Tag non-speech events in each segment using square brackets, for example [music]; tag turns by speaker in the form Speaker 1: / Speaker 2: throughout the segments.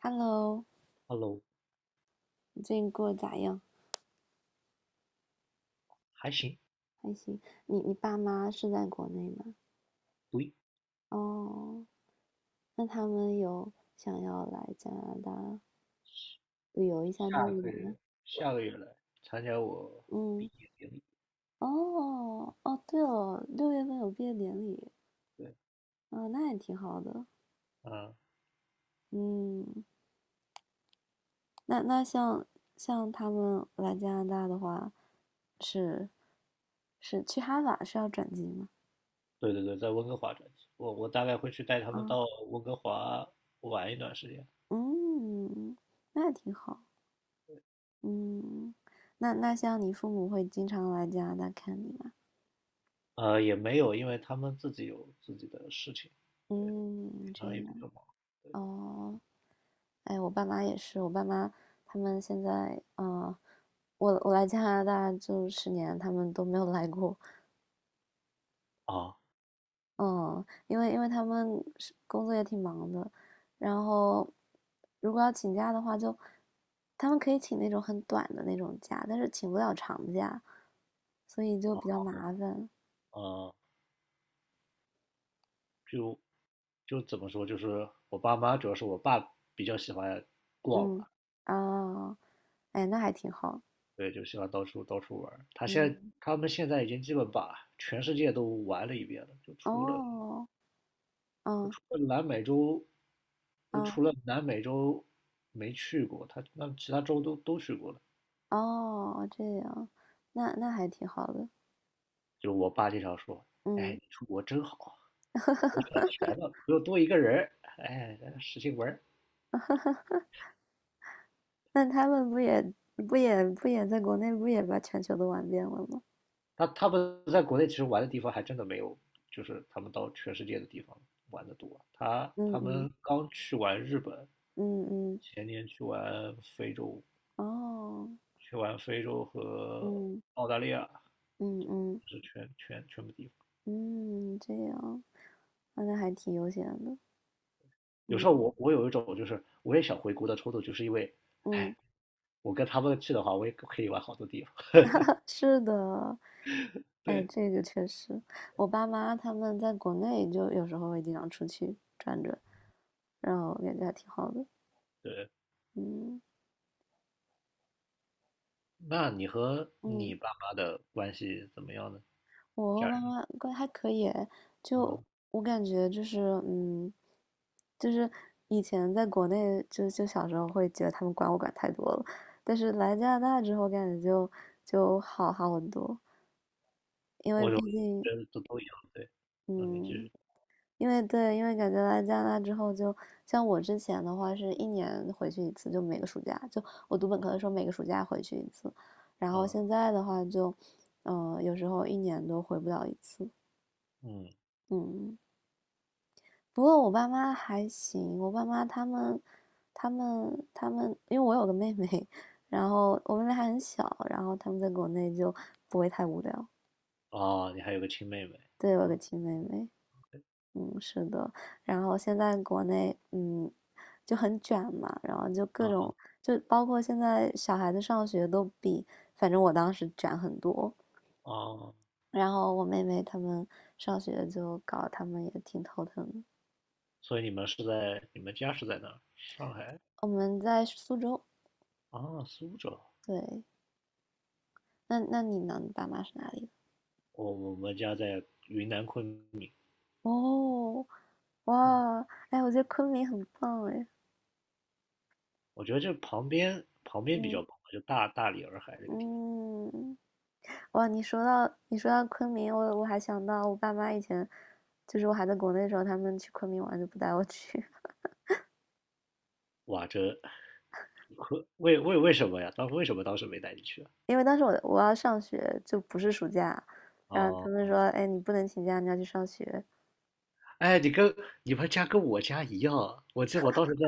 Speaker 1: Hello，
Speaker 2: Hello，
Speaker 1: 你最近过得咋样？
Speaker 2: 还行，
Speaker 1: 还行。你爸妈是在国内吗？
Speaker 2: 不
Speaker 1: 哦，那他们有想要来加拿大旅游一下之
Speaker 2: 下
Speaker 1: 类
Speaker 2: 个
Speaker 1: 的吗？
Speaker 2: 月下个月来参加我毕
Speaker 1: 嗯，
Speaker 2: 业典礼。
Speaker 1: 哦哦，对哦，6月份有毕业典礼，
Speaker 2: 对，
Speaker 1: 啊，那也挺好的。
Speaker 2: 嗯，
Speaker 1: 嗯，那像他们来加拿大的话，是是去哈法是要转机吗？
Speaker 2: 对对对，在温哥华转机，我大概会去带他们
Speaker 1: 啊，
Speaker 2: 到温哥华玩一段时间。
Speaker 1: 嗯，那也挺好。嗯，那像你父母会经常来加拿大看你吗？
Speaker 2: 也没有，因为他们自己有自己的事情，
Speaker 1: 嗯，
Speaker 2: 平
Speaker 1: 这
Speaker 2: 常也比
Speaker 1: 样
Speaker 2: 较忙
Speaker 1: 哦。哎，我爸妈也是，我爸妈他们现在，我来加拿大就10年，他们都没有来过。
Speaker 2: 啊。
Speaker 1: 嗯，因为他们是工作也挺忙的，然后如果要请假的话就，他们可以请那种很短的那种假，但是请不了长假，所以就比较麻烦。
Speaker 2: 呃，就怎么说，就是我爸妈，主要是我爸比较喜欢逛
Speaker 1: 嗯，
Speaker 2: 吧，
Speaker 1: 啊，哎，那还挺好。
Speaker 2: 对，就喜欢到处到处玩儿他现在
Speaker 1: 嗯。
Speaker 2: 他们现在已经基本把全世界都玩了一遍了，就
Speaker 1: 哦，嗯，
Speaker 2: 除了南美洲
Speaker 1: 嗯，
Speaker 2: 除了南美洲没去过，他那其他州都去过了。
Speaker 1: 哦，这样，那还挺好的，
Speaker 2: 就我爸经常说："哎，
Speaker 1: 嗯，
Speaker 2: 你出国真好啊，闲了不用多一个人儿，哎，使劲玩儿
Speaker 1: 那他们不也在国内不也把全球都玩遍了吗？
Speaker 2: 他们在国内其实玩的地方还真的没有，就是他们到全世界的地方玩的多。他
Speaker 1: 嗯
Speaker 2: 他
Speaker 1: 嗯
Speaker 2: 们刚去完日本，
Speaker 1: 嗯嗯，
Speaker 2: 前年
Speaker 1: 哦，
Speaker 2: 去完非洲和
Speaker 1: 嗯
Speaker 2: 澳大利亚，
Speaker 1: 嗯嗯
Speaker 2: 是全部地方。
Speaker 1: 嗯，这样，那还挺悠闲的，
Speaker 2: 有时
Speaker 1: 嗯
Speaker 2: 候我有一种就是我也想回国的冲动，就是因为，
Speaker 1: 嗯，
Speaker 2: 哎，我跟他们去的话，我也可以玩好多地方。[laughs]
Speaker 1: [laughs] 是的，哎，
Speaker 2: 对，
Speaker 1: 这个确实，我爸妈他们在国内就有时候会经常出去转转，然后感觉还挺好的，
Speaker 2: 对，
Speaker 1: 嗯
Speaker 2: 那你和
Speaker 1: 嗯。
Speaker 2: 你爸妈的关系怎么样呢？
Speaker 1: 我和
Speaker 2: 家
Speaker 1: 妈
Speaker 2: 人，
Speaker 1: 妈关系还可以诶。就
Speaker 2: 嗯，
Speaker 1: 我感觉就是，嗯，就是以前在国内就小时候会觉得他们管我管太多了，但是来加拿大之后感觉就好好很多，因为
Speaker 2: 我就
Speaker 1: 毕竟，
Speaker 2: 觉得都一样，对，那你继
Speaker 1: 嗯，
Speaker 2: 续，
Speaker 1: 因为对，因为感觉来加拿大之后就，像我之前的话是一年回去一次，就每个暑假，就我读本科的时候每个暑假回去一次，然后
Speaker 2: 嗯
Speaker 1: 现在的话就，有时候一年都回不了一次，
Speaker 2: 嗯，
Speaker 1: 嗯。不过我爸妈还行，我爸妈他们，因为我有个妹妹，然后我妹妹还很小，然后他们在国内就不会太无聊。
Speaker 2: 哦，你还有个亲妹妹，
Speaker 1: 对，我有个
Speaker 2: 啊
Speaker 1: 亲妹妹，嗯，是的。然后现在国内，嗯，就很卷嘛，然后就各
Speaker 2: 啊
Speaker 1: 种，就包括现在小孩子上学都比，反正我当时卷很多。
Speaker 2: 哦，
Speaker 1: 然后我妹妹他们上学就搞，他们也挺头疼的。
Speaker 2: 所以你们家是在哪儿？上海
Speaker 1: 我们在苏州，
Speaker 2: 啊，苏州，
Speaker 1: 对。那你呢？你爸妈是哪里的？
Speaker 2: 我们家在云南昆明，
Speaker 1: 哦，哇，哎，我觉得昆明很棒哎，
Speaker 2: 我觉得这旁边比
Speaker 1: 嗯
Speaker 2: 较棒，就大理洱海这个地方。
Speaker 1: 嗯，哇，你说到昆明，我还想到我爸妈以前，就是我还在国内的时候，他们去昆明玩就不带我去，[laughs]
Speaker 2: 哇，为什么呀？当时为什么当时没带你去啊
Speaker 1: 因为当时我要上学，就不是暑假，然后
Speaker 2: 哦，
Speaker 1: 他们说，哎，你不能请假，你要去上学，
Speaker 2: 哎，你们家跟我家一样，我记得我当时在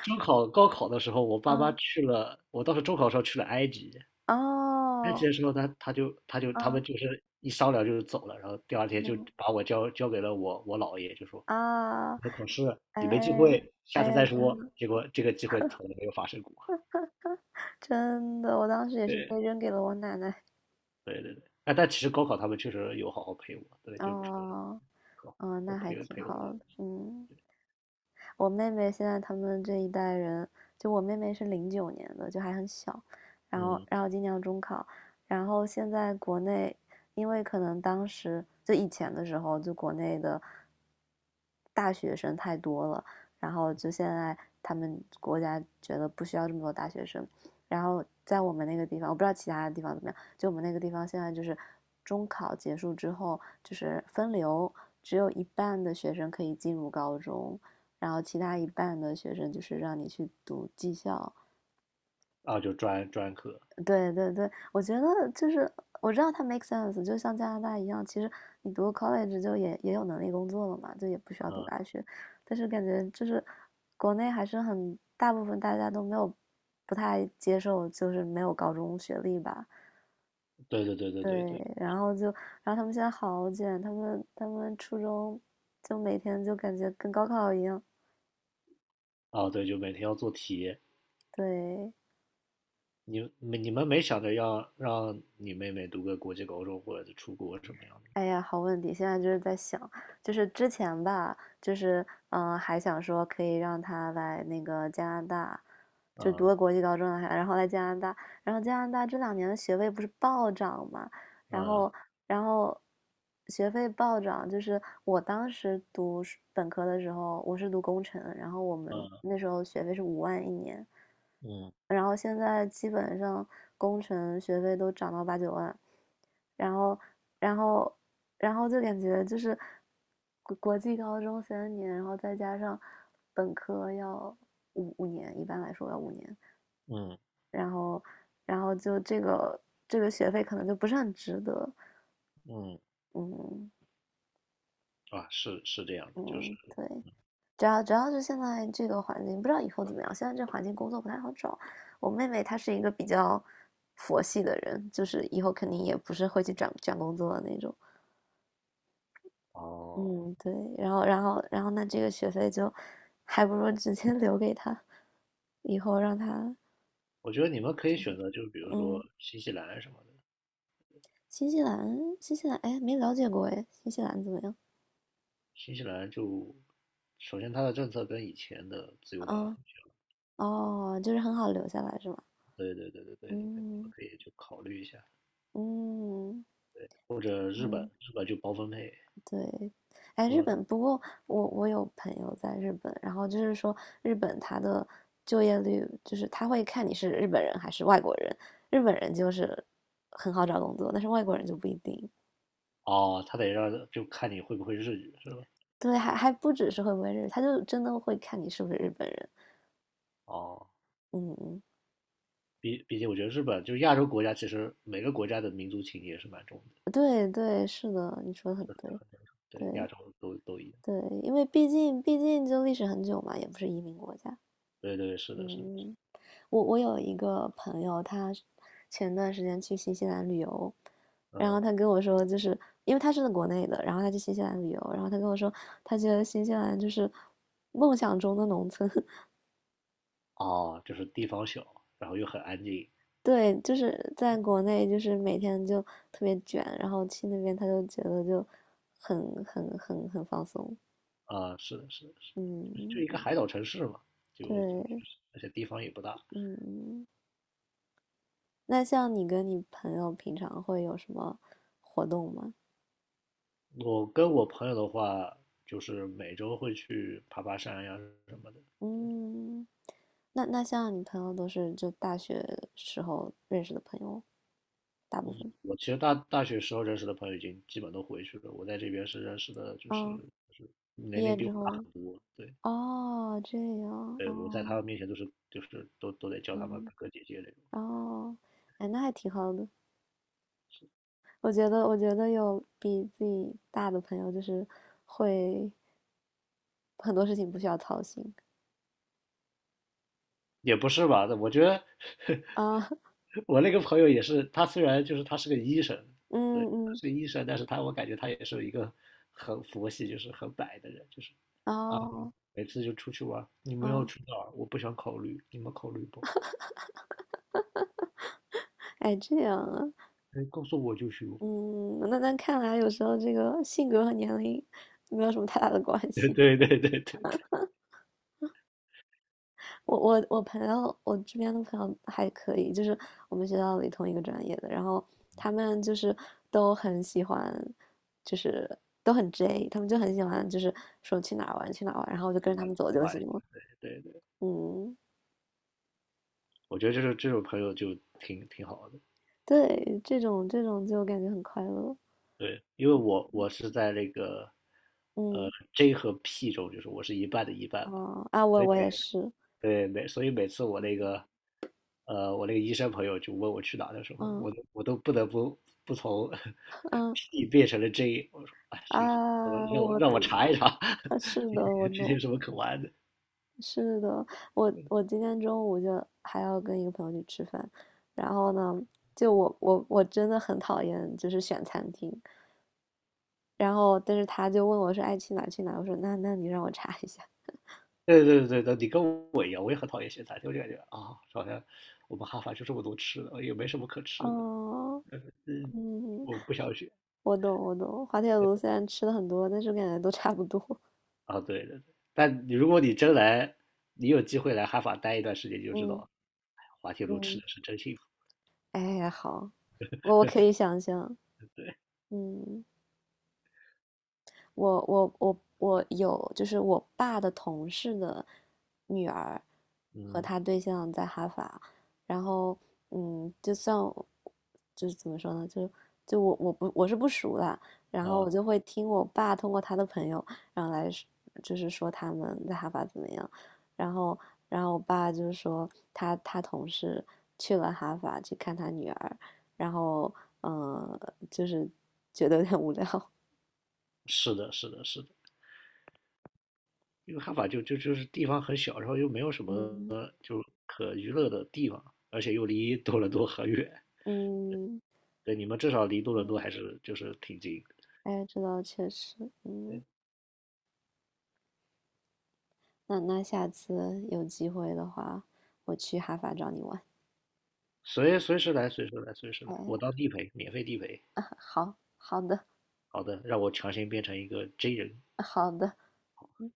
Speaker 2: 中考、高考的时候，我爸妈
Speaker 1: 啊，
Speaker 2: 去了，我当时中考的时候去了埃及，埃及
Speaker 1: 哦，
Speaker 2: 的时候他们
Speaker 1: 嗯
Speaker 2: 就是一商量就是走了，然后第二天就
Speaker 1: 嗯
Speaker 2: 把我交给了我姥爷，就说
Speaker 1: 啊，
Speaker 2: 你考试
Speaker 1: 哎
Speaker 2: 你没机会，下
Speaker 1: 哎
Speaker 2: 次
Speaker 1: 呀，
Speaker 2: 再
Speaker 1: 真
Speaker 2: 说。
Speaker 1: 的
Speaker 2: 结果这个机会从来没有发生过。
Speaker 1: 真的，我当时也是
Speaker 2: 对，
Speaker 1: 被扔给了我奶奶。
Speaker 2: 对对对，哎，但其实高考他们确实有好好陪我，对，就除了
Speaker 1: 哦，
Speaker 2: 课，
Speaker 1: 哦，
Speaker 2: 我
Speaker 1: 那还
Speaker 2: 培
Speaker 1: 挺
Speaker 2: 培我的
Speaker 1: 好的，
Speaker 2: 东西
Speaker 1: 嗯。我妹妹现在他们这一代人，就我妹妹是09年的，就还很小，然后
Speaker 2: 嗯
Speaker 1: 然后今年要中考，然后现在国内，因为可能当时就以前的时候，就国内的大学生太多了，然后就现在他们国家觉得不需要这么多大学生，然后在我们那个地方，我不知道其他的地方怎么样，就我们那个地方现在就是中考结束之后就是分流，只有一半的学生可以进入高中。然后其他一半的学生就是让你去读技校。
Speaker 2: 啊，就专科，
Speaker 1: 对对对，我觉得就是我知道它 make sense，就像加拿大一样，其实你读 college 就也有能力工作了嘛，就也不需要读
Speaker 2: 啊，
Speaker 1: 大学。但是感觉就是国内还是很大部分大家都没有不太接受，就是没有高中学历吧。
Speaker 2: 对对对对
Speaker 1: 对，
Speaker 2: 对对，
Speaker 1: 然后就，然后他们现在好卷，他们初中就每天就感觉跟高考一样。
Speaker 2: 啊对，就每天要做题。
Speaker 1: 对，
Speaker 2: 你们没想着要让你妹妹读个国际高中或者是出国什么样的？
Speaker 1: 哎呀，好问题！现在就是在想，就是之前吧，就是还想说可以让他来那个加拿大，就读
Speaker 2: 嗯
Speaker 1: 个国际高中还然后来加拿大，然后加拿大这2年的学位不是暴涨嘛，然
Speaker 2: 嗯
Speaker 1: 后，然后学费暴涨，就是我当时读是本科的时候，我是读工程，然后我们
Speaker 2: 嗯
Speaker 1: 那时候学费是5万一年，
Speaker 2: 嗯
Speaker 1: 然后现在基本上工程学费都涨到8、9万，然后，然后，然后就感觉就是国际高中3年，然后再加上本科要五年，一般来说要五年，
Speaker 2: 嗯
Speaker 1: 然后，然后就这个学费可能就不是很值得。
Speaker 2: 嗯
Speaker 1: 嗯
Speaker 2: 啊，是是这样的，就是
Speaker 1: 嗯，对，主要是现在这个环境，不知道以后怎么样。现在这环境工作不太好找。我妹妹她是一个比较佛系的人，就是以后肯定也不是会去转转工作的那种。
Speaker 2: 哦，
Speaker 1: 嗯，对。然后那这个学费就还不如直接 [laughs] 留给她，以后让她
Speaker 2: 我觉得你们可以选择，就是比如说
Speaker 1: 嗯，
Speaker 2: 新西兰什么的，
Speaker 1: 新西兰哎，没了解过哎，新西兰怎么样？
Speaker 2: 新西兰就首先它的政策跟以前的自由党很，
Speaker 1: 啊哦，就是很好留下来是吗？
Speaker 2: 对对对对对，你们
Speaker 1: 嗯
Speaker 2: 可以去考虑一下，
Speaker 1: 嗯
Speaker 2: 或者日本，
Speaker 1: 嗯。
Speaker 2: 日本就包分配。
Speaker 1: 对，哎，日
Speaker 2: 嗯
Speaker 1: 本，不过我有朋友在日本，然后就是说日本他的就业率，就是他会看你是日本人还是外国人，日本人就是很好找工作，但是外国人就不一定。
Speaker 2: 哦，他得让就看你会不会日语是吧？
Speaker 1: 对，还不只是会不会日语，他就真的会看你是不是日本人。
Speaker 2: 哦，
Speaker 1: 嗯嗯，
Speaker 2: 毕竟我觉得日本就是亚洲国家，其实每个国家的民族情结是蛮重的，
Speaker 1: 对对，是的，你说的很对，
Speaker 2: 对，亚
Speaker 1: 对
Speaker 2: 洲都一样。
Speaker 1: 对，因为毕竟就历史很久嘛，也不是移民国家。
Speaker 2: 对对，是的，是的，是
Speaker 1: 嗯。我有一个朋友，他前段时间去新西兰旅游，
Speaker 2: 的
Speaker 1: 然后
Speaker 2: 嗯，
Speaker 1: 他跟我说，就是因为他是在国内的，然后他去新西兰旅游，然后他跟我说，他觉得新西兰就是梦想中的农村，[laughs]
Speaker 2: 哦，就是地方小，然后又很安静
Speaker 1: 对，就是在国内就是每天就特别卷，然后去那边他就觉得就很放松，
Speaker 2: 啊，是的，是的，是的就
Speaker 1: 嗯，
Speaker 2: 一个海岛城市嘛，就就就
Speaker 1: 对，
Speaker 2: 是而且地方也不大。
Speaker 1: 嗯，那像你跟你朋友平常会有什么活动吗？
Speaker 2: 我跟我朋友的话，就是每周会去爬爬山呀什么的，
Speaker 1: 嗯。那像你朋友都是就大学时候认识的朋友，大部分。
Speaker 2: 我其实大学时候认识的朋友已经基本都回去了，我在这边是认识的，就是
Speaker 1: 嗯，
Speaker 2: 就是
Speaker 1: 毕
Speaker 2: 年
Speaker 1: 业
Speaker 2: 龄比我
Speaker 1: 之
Speaker 2: 大
Speaker 1: 后，
Speaker 2: 很多，对，
Speaker 1: 哦，这样，
Speaker 2: 对，我在他
Speaker 1: 哦，
Speaker 2: 们面前都是就是都得叫他们
Speaker 1: 嗯，
Speaker 2: 哥哥姐姐那种，
Speaker 1: 哦，哎，那还挺好的。我觉得，我觉得有比自己大的朋友，就是会很多事情不需要操心
Speaker 2: 也不是吧？我觉得 [laughs]
Speaker 1: 啊，[laughs]
Speaker 2: 我那个朋友也是，他虽然就是他是个医生，
Speaker 1: 嗯
Speaker 2: 对，他
Speaker 1: 嗯，
Speaker 2: 是个医生，但是他我感觉他也是一个很佛系，就是很摆的人，就是啊，
Speaker 1: 哦，
Speaker 2: 每次就出去玩，你们要
Speaker 1: 啊，
Speaker 2: 去哪儿？我不想考虑，你们考虑不？
Speaker 1: 哎，这样啊，
Speaker 2: 哎，告诉我就去。[laughs]
Speaker 1: 嗯，那看来有时候这个性格和年龄没有什么太大的关
Speaker 2: 对
Speaker 1: 系。
Speaker 2: 对对对对，
Speaker 1: 我这边的朋友还可以，就是我们学校里同一个专业的，然后他们就是都很喜欢，就是都很 J，他们就很喜欢，就是说去哪儿玩去哪儿玩，然后我就
Speaker 2: 此
Speaker 1: 跟着
Speaker 2: 话
Speaker 1: 他们走
Speaker 2: 此
Speaker 1: 就
Speaker 2: 话也
Speaker 1: 行了。
Speaker 2: 是对。
Speaker 1: 嗯，
Speaker 2: 我觉得就是这种朋友就挺好的。
Speaker 1: 对，这种就感觉很快乐。
Speaker 2: 对，因为我是在那个呃
Speaker 1: 嗯，
Speaker 2: J 和 P 中，就是我是一半的一半嘛，
Speaker 1: 啊啊，我
Speaker 2: 所以
Speaker 1: 我也是，
Speaker 2: 每次我那个医生朋友就问我去哪的时候，
Speaker 1: 嗯
Speaker 2: 我都不得不从 [laughs]
Speaker 1: 嗯
Speaker 2: P 变成了 J,我说啊行，我
Speaker 1: 啊，
Speaker 2: 让我
Speaker 1: 我
Speaker 2: 让我
Speaker 1: 懂，
Speaker 2: 查一查
Speaker 1: [laughs] 是
Speaker 2: [laughs] 这
Speaker 1: 的，
Speaker 2: 些
Speaker 1: 我
Speaker 2: 这些
Speaker 1: 懂。
Speaker 2: 有什么可玩的。
Speaker 1: 是的，我今天中午就还要跟一个朋友去吃饭，然后呢，就我真的很讨厌就是选餐厅，然后但是他就问我说爱去哪儿去哪儿我说那你让我查一下。
Speaker 2: 对对对对，你跟我一样，我也很讨厌咸菜，我就感觉啊，好像我们哈法就这么多吃的，也没什么可吃的。
Speaker 1: 哦，
Speaker 2: 嗯，
Speaker 1: 嗯，
Speaker 2: 我不想学。
Speaker 1: 我懂我懂，滑铁卢虽然吃的很多，但是我感觉都差不多。[laughs]
Speaker 2: 啊，对对，但你如果你真来，你有机会来哈法待一段时间，你就知
Speaker 1: 嗯
Speaker 2: 道，哎滑铁卢吃
Speaker 1: 嗯，
Speaker 2: 的是真幸福。
Speaker 1: 哎，好，我可以想象，嗯。我有，就是我爸的同事的女儿和
Speaker 2: 嗯，
Speaker 1: 他对象在哈法，然后嗯，就算我就是怎么说呢，就我是不熟的，然后
Speaker 2: 啊，
Speaker 1: 我就会听我爸通过他的朋友，然后来说就是说他们在哈法怎么样，然后然后我爸就是说他同事去了哈法去看他女儿，然后嗯、就是觉得有点无聊，
Speaker 2: 是的，是的，是的，因为哈法就是地方很小，然后又没有什
Speaker 1: [laughs]
Speaker 2: 么
Speaker 1: 嗯。
Speaker 2: 就可娱乐的地方，而且又离多伦多很远。
Speaker 1: 嗯，
Speaker 2: 对，你们至少离多伦多
Speaker 1: 嗯。
Speaker 2: 还是就是挺近的
Speaker 1: 哎，这倒确实，嗯，那下次有机会的话，我去哈法找你玩。
Speaker 2: 随时来，随时来，我
Speaker 1: 哎，
Speaker 2: 当地陪，免费地陪。
Speaker 1: [laughs] 好，好的，
Speaker 2: 好的，让我强行变成一个 J 人。
Speaker 1: 好的，嗯。